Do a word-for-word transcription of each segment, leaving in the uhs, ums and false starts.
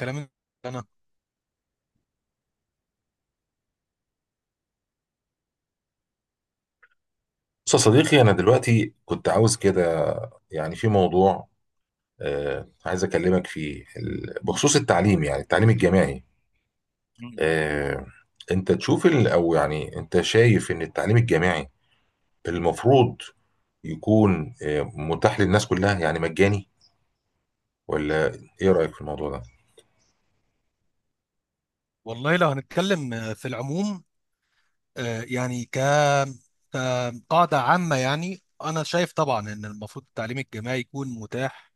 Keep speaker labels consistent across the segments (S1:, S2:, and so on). S1: كلام انا.
S2: بص يا صديقي، أنا دلوقتي كنت عاوز كده. يعني في موضوع آه عايز أكلمك فيه ال- بخصوص التعليم، يعني التعليم الجامعي.
S1: مم.
S2: آه أنت تشوف ال- أو يعني أنت شايف إن التعليم الجامعي المفروض يكون آه متاح للناس كلها، يعني مجاني، ولا إيه رأيك في الموضوع ده؟
S1: والله لو هنتكلم في العموم، آه، يعني ك كقاعدة عامة يعني أنا شايف طبعا إن المفروض التعليم الجامعي يكون متاح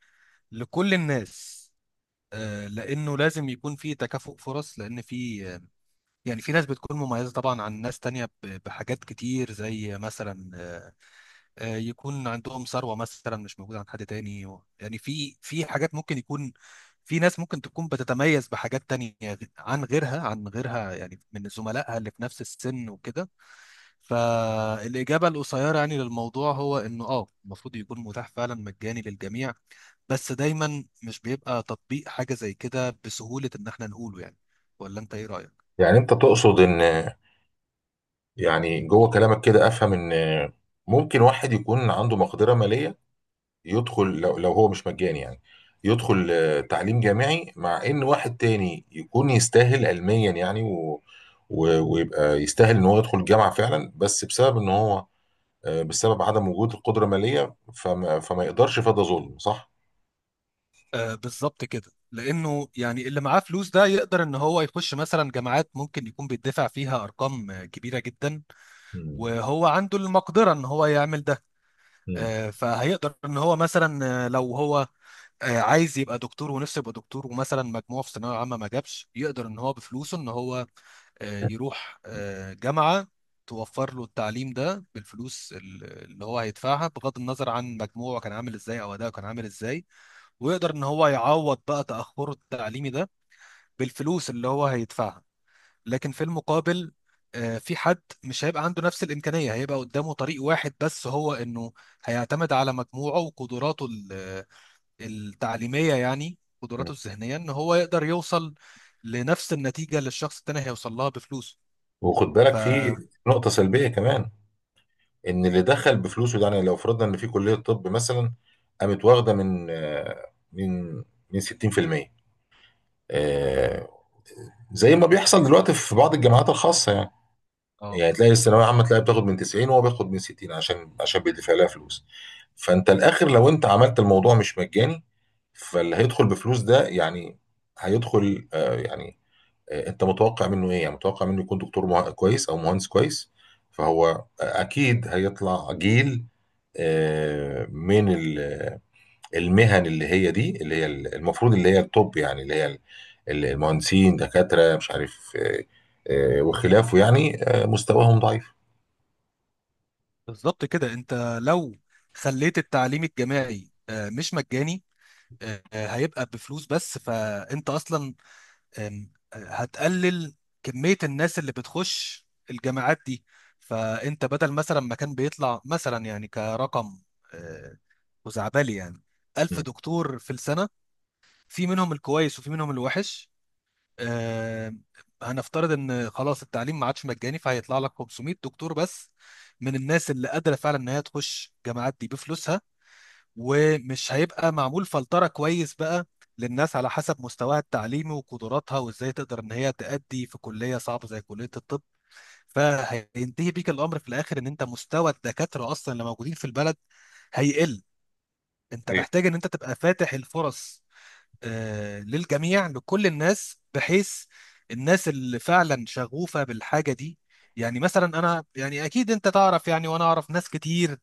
S1: لكل الناس. آه، لأنه لازم يكون في تكافؤ فرص، لأن في يعني في ناس بتكون مميزة طبعا عن ناس تانية ب- بحاجات كتير، زي مثلا آه، يكون عندهم ثروة مثلا مش موجودة عند حد تاني، و- يعني في في حاجات ممكن يكون في ناس ممكن تكون بتتميز بحاجات تانية غ- عن غيرها عن غيرها يعني، من زملائها اللي في نفس السن وكده. فالإجابة القصيرة يعني للموضوع هو إنه آه المفروض يكون متاح فعلا مجاني للجميع، بس دايما مش بيبقى تطبيق حاجة زي كده بسهولة إن إحنا نقوله يعني. ولا أنت إيه رأيك؟
S2: يعني أنت تقصد إن، يعني جوه كلامك كده أفهم إن ممكن واحد يكون عنده مقدرة مالية يدخل لو, لو هو مش مجاني، يعني يدخل آه، تعليم جامعي، مع ان واحد تاني يكون يستاهل علميا، يعني و و- ويبقى يستاهل ان هو يدخل الجامعه فعلا، بس بسبب ان هو آه، بسبب عدم وجود القدره الماليه فما, فما يقدرش، فده ظلم صح؟
S1: آه، بالظبط كده، لانه يعني اللي معاه فلوس ده يقدر ان هو يخش مثلا جامعات ممكن يكون بيدفع فيها ارقام آه، كبيره جدا،
S2: مم.
S1: وهو عنده المقدره ان هو يعمل ده.
S2: مم.
S1: آه فهيقدر ان هو مثلا، آه، لو هو آه، عايز يبقى دكتور ونفسه يبقى دكتور، ومثلا مجموعه في ثانويه عامه ما جابش، يقدر ان هو بفلوسه ان هو آه، يروح آه، جامعه توفر له التعليم ده بالفلوس ال- اللي هو هيدفعها، بغض النظر عن مجموعه كان عامل ازاي او اداؤه كان عامل ازاي، ويقدر ان هو يعوض بقى تأخره التعليمي ده بالفلوس اللي هو هيدفعها. لكن في المقابل آه، في حد مش هيبقى عنده نفس الإمكانية، هيبقى قدامه طريق واحد بس، هو انه هيعتمد على مجموعه وقدراته ال- التعليمية، يعني قدراته
S2: مم.
S1: الذهنية، ان هو يقدر يوصل لنفس النتيجة اللي الشخص التاني هيوصل لها بفلوسه.
S2: وخد بالك،
S1: ف
S2: في نقطة سلبية كمان، إن اللي دخل بفلوسه ده، يعني لو فرضنا إن في كلية طب مثلا قامت واخدة من آه، من من ستين في المية، آه، زي ما بيحصل دلوقتي في بعض الجامعات الخاصه يعني.
S1: اه
S2: يعني تلاقي الثانويه عامه تلاقي بتاخد من تسعين وهو بياخد من ستين عشان عشان بيدفع لها فلوس. فانت الاخر لو انت عملت الموضوع مش مجاني، فاللي هيدخل بفلوس ده، يعني هيدخل، آه، يعني آه، انت متوقع منه ايه؟ يعني متوقع منه يكون دكتور مه- كويس او مهندس كويس. فهو اكيد هيطلع جيل آه، من ال المهن اللي هي دي، اللي هي المفروض، اللي هي الطب، يعني اللي هي ال- ال- المهندسين دكاترة مش عارف آه، آه، وخلافه، يعني آه، مستواهم ضعيف.
S1: بالظبط كده، انت لو خليت التعليم الجامعي آه، مش مجاني، آه، هيبقى بفلوس بس، فانت اصلا أم، هتقلل كمية الناس اللي بتخش الجامعات دي. فأنت بدل مثلا ما كان بيطلع مثلا يعني كرقم آه، خزعبلي يعني، ألف
S2: مم.
S1: دكتور في السنة، في منهم الكويس وفي منهم الوحش، آه، هنفترض إن خلاص التعليم ما عادش مجاني، فهيطلع لك خمسمية دكتور بس من الناس اللي قادرة فعلا إن هي تخش الجامعات دي بفلوسها. ومش هيبقى معمول فلترة كويس بقى للناس على حسب مستواها التعليمي وقدراتها، وازاي تقدر ان هي تأدي في كلية صعبة زي كلية الطب. فهينتهي بيك الامر في الاخر ان انت مستوى الدكاترة اصلا اللي موجودين في البلد هيقل. انت
S2: ايه.
S1: محتاج ان انت تبقى فاتح الفرص آه، للجميع، لكل الناس، بحيث الناس اللي فعلا شغوفة بالحاجة دي. يعني مثلا انا يعني اكيد انت تعرف، يعني وانا اعرف ناس كتير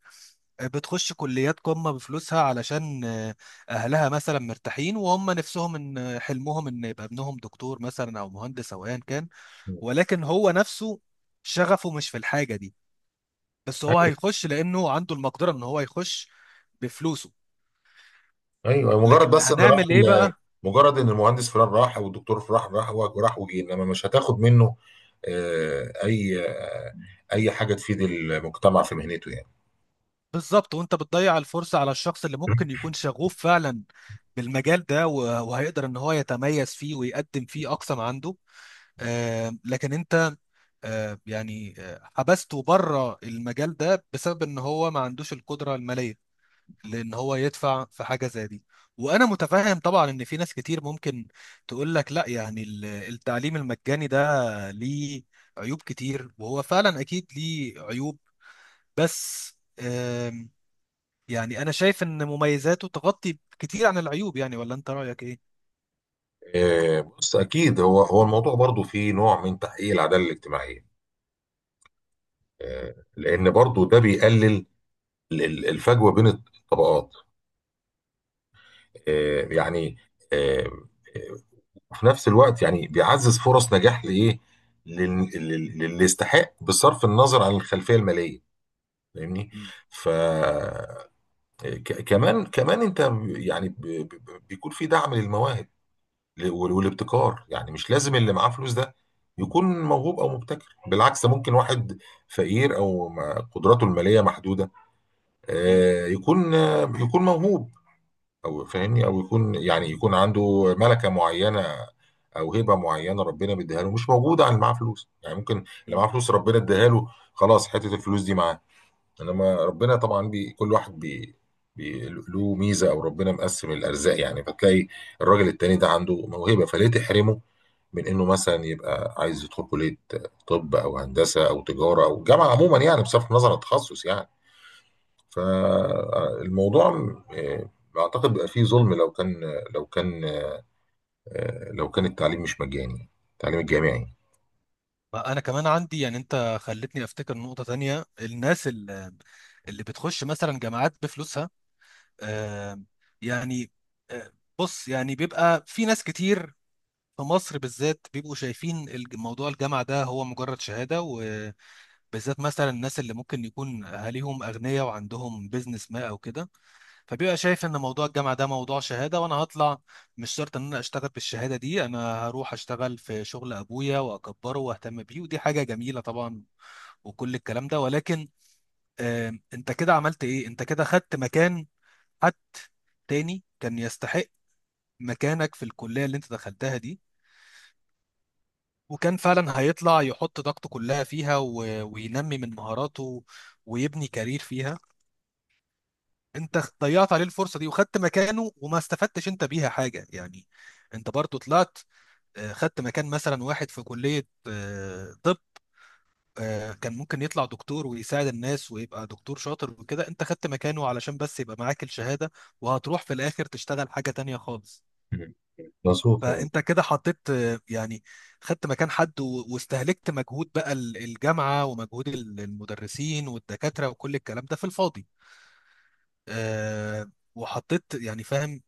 S1: بتخش كليات قمة بفلوسها علشان آه، أهلها مثلا مرتاحين، وهم نفسهم إن حلمهم إن يبقى ابنهم دكتور مثلا أو مهندس أو أيا كان.
S2: مم.
S1: ولكن هو نفسه شغفه مش في الحاجة دي، بس هو
S2: ايوه.
S1: هيخش لأنه عنده المقدرة إن هو يخش بفلوسه.
S2: ايوه، مجرد
S1: لكن
S2: بس ان راح
S1: هنعمل إيه
S2: ال-
S1: بقى؟
S2: مجرد ان المهندس فلان راح او الدكتور فلان راح وراح وجه، انما مش هتاخد منه آه، اي آه، اي حاجه تفيد المجتمع في مهنته يعني.
S1: بالظبط. وأنت بتضيع الفرصة على الشخص اللي ممكن يكون شغوف فعلا بالمجال ده، و- وهيقدر إن هو يتميز فيه ويقدم فيه أقصى ما عنده. آه، لكن انت آه، يعني آه، حبسته بره المجال ده بسبب ان هو ما عندوش القدره الماليه لان هو يدفع في حاجه زي دي. وانا متفاهم طبعا ان في ناس كتير ممكن تقول لك لا، يعني ال- التعليم المجاني ده ليه عيوب كتير، وهو فعلا اكيد ليه عيوب. بس آم، يعني انا شايف ان مميزاته تغطي كتير عن العيوب يعني. ولا انت رايك ايه؟
S2: آه، بص، اكيد هو هو الموضوع برضو فيه نوع من تحقيق العداله الاجتماعيه. آه، لان برضو ده بيقلل ال- ال- الفجوه بين الطبقات. آه، يعني آه، آه، في نفس الوقت يعني بيعزز فرص نجاح لايه، لل- لل- للي يستحق بصرف النظر عن الخلفيه الماليه، فاهمني؟
S1: مم.
S2: ف آه، ك- كمان كمان انت، يعني ب- ب- بيكون في دعم للمواهب ل- وال- والابتكار. يعني مش لازم اللي معاه فلوس ده يكون موهوب او مبتكر، بالعكس، ده ممكن واحد فقير او ما- قدراته الماليه محدوده آه، يكون آه، يكون موهوب، او فاهمني، او يكون، يعني يكون عنده ملكه معينه او هبه معينه ربنا بيديها له مش موجوده عن اللي معاه فلوس. يعني ممكن اللي معاه
S1: مم.
S2: فلوس ربنا اداها له، خلاص حته الفلوس دي معاه، انما ربنا طبعا بي كل واحد بي بي له ميزه، او ربنا مقسم الارزاق، يعني فتلاقي الراجل التاني ده عنده موهبه، فليه تحرمه من انه مثلا يبقى عايز يدخل كليه طب او هندسه او تجاره او جامعه عموما، يعني بصرف النظر عن التخصص يعني. فالموضوع آه، اعتقد بقى فيه ظلم لو كان لو كان آه، لو كان التعليم مش مجاني، التعليم الجامعي.
S1: ما انا كمان عندي، يعني انت خلتني افتكر نقطة تانية، الناس اللي, اللي بتخش مثلا جامعات بفلوسها. آم، يعني آه، بص يعني بيبقى في ناس كتير في مصر بالذات بيبقوا شايفين الج- موضوع الجامعة ده هو مجرد شهادة، وبالذات مثلا الناس اللي ممكن يكون اهاليهم اغنياء وعندهم بيزنس ما او كده، فبيبقى شايف ان موضوع الجامعه ده موضوع شهاده، وانا هطلع مش شرط ان انا اشتغل بالشهاده دي، انا هروح اشتغل في شغل ابويا واكبره واهتم بيه، ودي حاجه جميله طبعا وكل الكلام ده. ولكن آم، انت كده عملت ايه؟ انت كده خدت مكان حد تاني كان يستحق مكانك في الكليه اللي انت دخلتها دي، وكان فعلا هيطلع يحط طاقته كلها فيها، و... وينمي من مهاراته ويبني كارير فيها. انت ضيعت عليه الفرصه دي وخدت مكانه وما استفدتش انت بيها حاجه يعني. انت برضو طلعت آه، خدت مكان مثلا واحد في كليه آه، طب، آه، كان ممكن يطلع دكتور ويساعد الناس ويبقى دكتور شاطر وكده، انت خدت مكانه علشان بس يبقى معاك الشهاده، وهتروح في الاخر تشتغل حاجه تانية خالص.
S2: مم. مظبوط.
S1: فانت كده حطيت آه، يعني خدت مكان حد و- واستهلكت مجهود بقى ال- الجامعه، ومجهود ال- المدرسين والدكاتره وكل الكلام ده في الفاضي. آه، وحطيت يعني، فاهم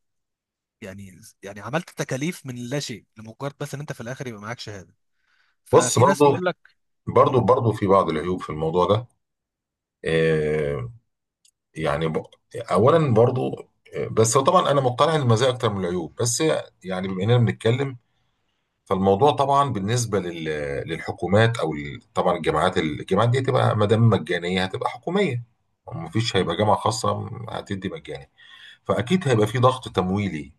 S1: يعني، يعني عملت تكاليف من لا شيء لمجرد بس ان انت في الاخر يبقى معاك شهاده.
S2: بص
S1: ففي ناس
S2: برضو
S1: بيقول لك
S2: برضو
S1: مم،
S2: برضو في بعض العيوب في الموضوع ده. آه، يعني ب- اولا برضو آه، بس طبعا انا مقتنع ان المزايا اكتر من العيوب، بس يعني بما اننا بنتكلم. فالموضوع طبعا بالنسبه لل- للحكومات، او ال- طبعا الجامعات، الجامعات دي هتبقى ما دام مجانيه هتبقى حكوميه، مفيش
S1: مم،
S2: هيبقى جامعه خاصه هتدي مجاني. فأكيد هيبقى في ضغط تمويلي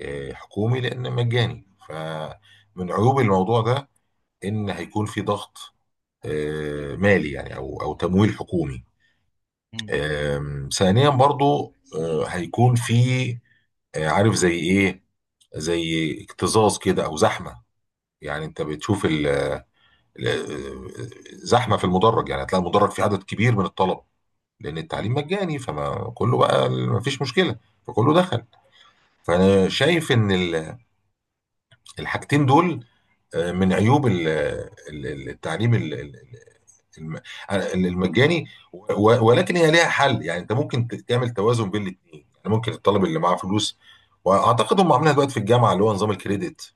S2: آه، حكومي، لأن مجاني. فمن عيوب الموضوع ده إن هيكون في ضغط آه، مالي، يعني أو أو تمويل حكومي.
S1: مم،
S2: آم، ثانيا برضو آه، هيكون في آه، عارف زي إيه، زي اكتظاظ كده أو زحمة، يعني أنت بتشوف ال- ال- زحمة في المدرج. يعني هتلاقي المدرج فيه عدد كبير من الطلب لأن التعليم
S1: مم،
S2: مجاني، فما كله بقى مفيش مشكلة فكله دخل. فأنا شايف إن ال الحاجتين دول آه، من عيوب ال- ال- ال- التعليم ال- ال- الم- المجاني. و- ولكن هي ليها حل، يعني انت ممكن ت- تعمل توازن بين الاثنين. يعني ممكن الطالب اللي معاه فلوس، واعتقد هم عاملينها دلوقتي في الجامعه، اللي هو نظام الكريدت،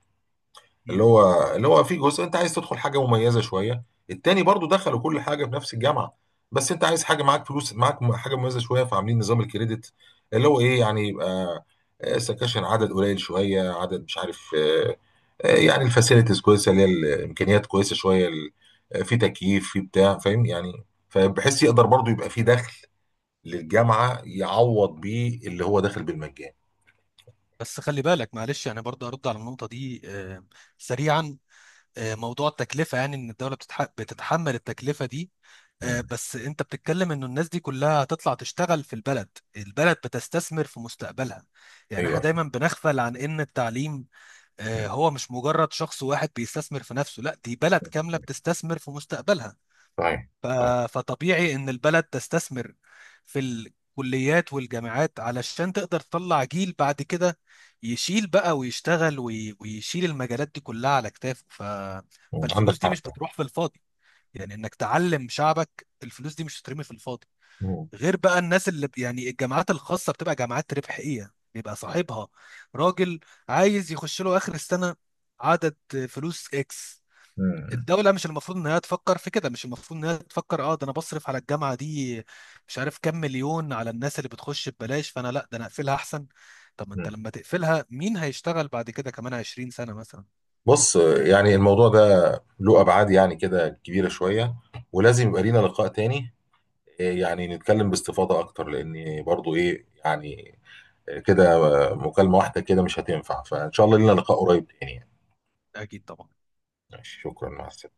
S2: اللي
S1: مم.
S2: هو اللي هو في جزء انت عايز تدخل حاجه مميزه شويه، التاني برضو دخلوا كل حاجه في نفس الجامعه، بس انت عايز حاجه، معاك فلوس، معاك م- حاجه مميزه شويه، فعاملين نظام الكريدت اللي هو ايه، يعني يبقى آه، سكاشن عدد قليل شويه، عدد مش عارف آه، يعني الفاسيلتيز كويسه، اللي هي الامكانيات كويسه شويه، ال- في تكييف، في بتاع، فاهم يعني. فبحس يقدر برضه يبقى في دخل للجامعه يعوض بيه اللي هو داخل بالمجان.
S1: بس خلي بالك، معلش، يعني برضه ارد على النقطه دي آه، سريعا. آه، موضوع التكلفه، يعني ان الدوله بتتح- بتتحمل التكلفه دي، آه،
S2: مم.
S1: بس انت بتتكلم انه الناس دي كلها هتطلع تشتغل في البلد، البلد بتستثمر في مستقبلها. يعني احنا
S2: ايوه.
S1: دايما بنغفل عن ان التعليم
S2: مم.
S1: آه، هو مش مجرد شخص واحد بيستثمر في نفسه، لا، دي بلد كامله بتستثمر في مستقبلها.
S2: صحيح.
S1: ف-
S2: صحيح.
S1: فطبيعي ان البلد تستثمر في الكليات والجامعات علشان تقدر تطلع جيل بعد كده يشيل بقى ويشتغل وي- ويشيل المجالات دي كلها على كتافه. ف...
S2: مم. عندك
S1: فالفلوس دي
S2: حق.
S1: مش بتروح في الفاضي، يعني انك تعلم شعبك الفلوس دي مش هترمي في الفاضي.
S2: مم.
S1: غير بقى الناس اللي ب- يعني الجامعات الخاصة بتبقى جامعات ربحية، بيبقى صاحبها راجل عايز يخش له آخر السنة عدد فلوس اكس.
S2: مم.
S1: الدولة مش المفروض إنها تفكر في كده، مش المفروض إنها تفكر أه ده أنا بصرف على الجامعة دي مش عارف كام مليون على الناس اللي بتخش ببلاش، فأنا لأ ده أنا أقفلها أحسن. طب ما أنت
S2: مم.
S1: لما تقفلها مين هيشتغل بعد كده كمان عشرين سنة مثلا؟
S2: بص، يعني الموضوع ده له ابعاد يعني كده كبيره شويه، ولازم يبقى لينا لقاء تاني. إيه، يعني نتكلم باستفاضه اكتر، لان برضو ايه يعني إيه كده، مكالمه واحده كده مش هتنفع. فان شاء الله لينا لقاء قريب تاني يعني.
S1: أكيد طبعا.
S2: ماشي، شكرا، مع السلامة.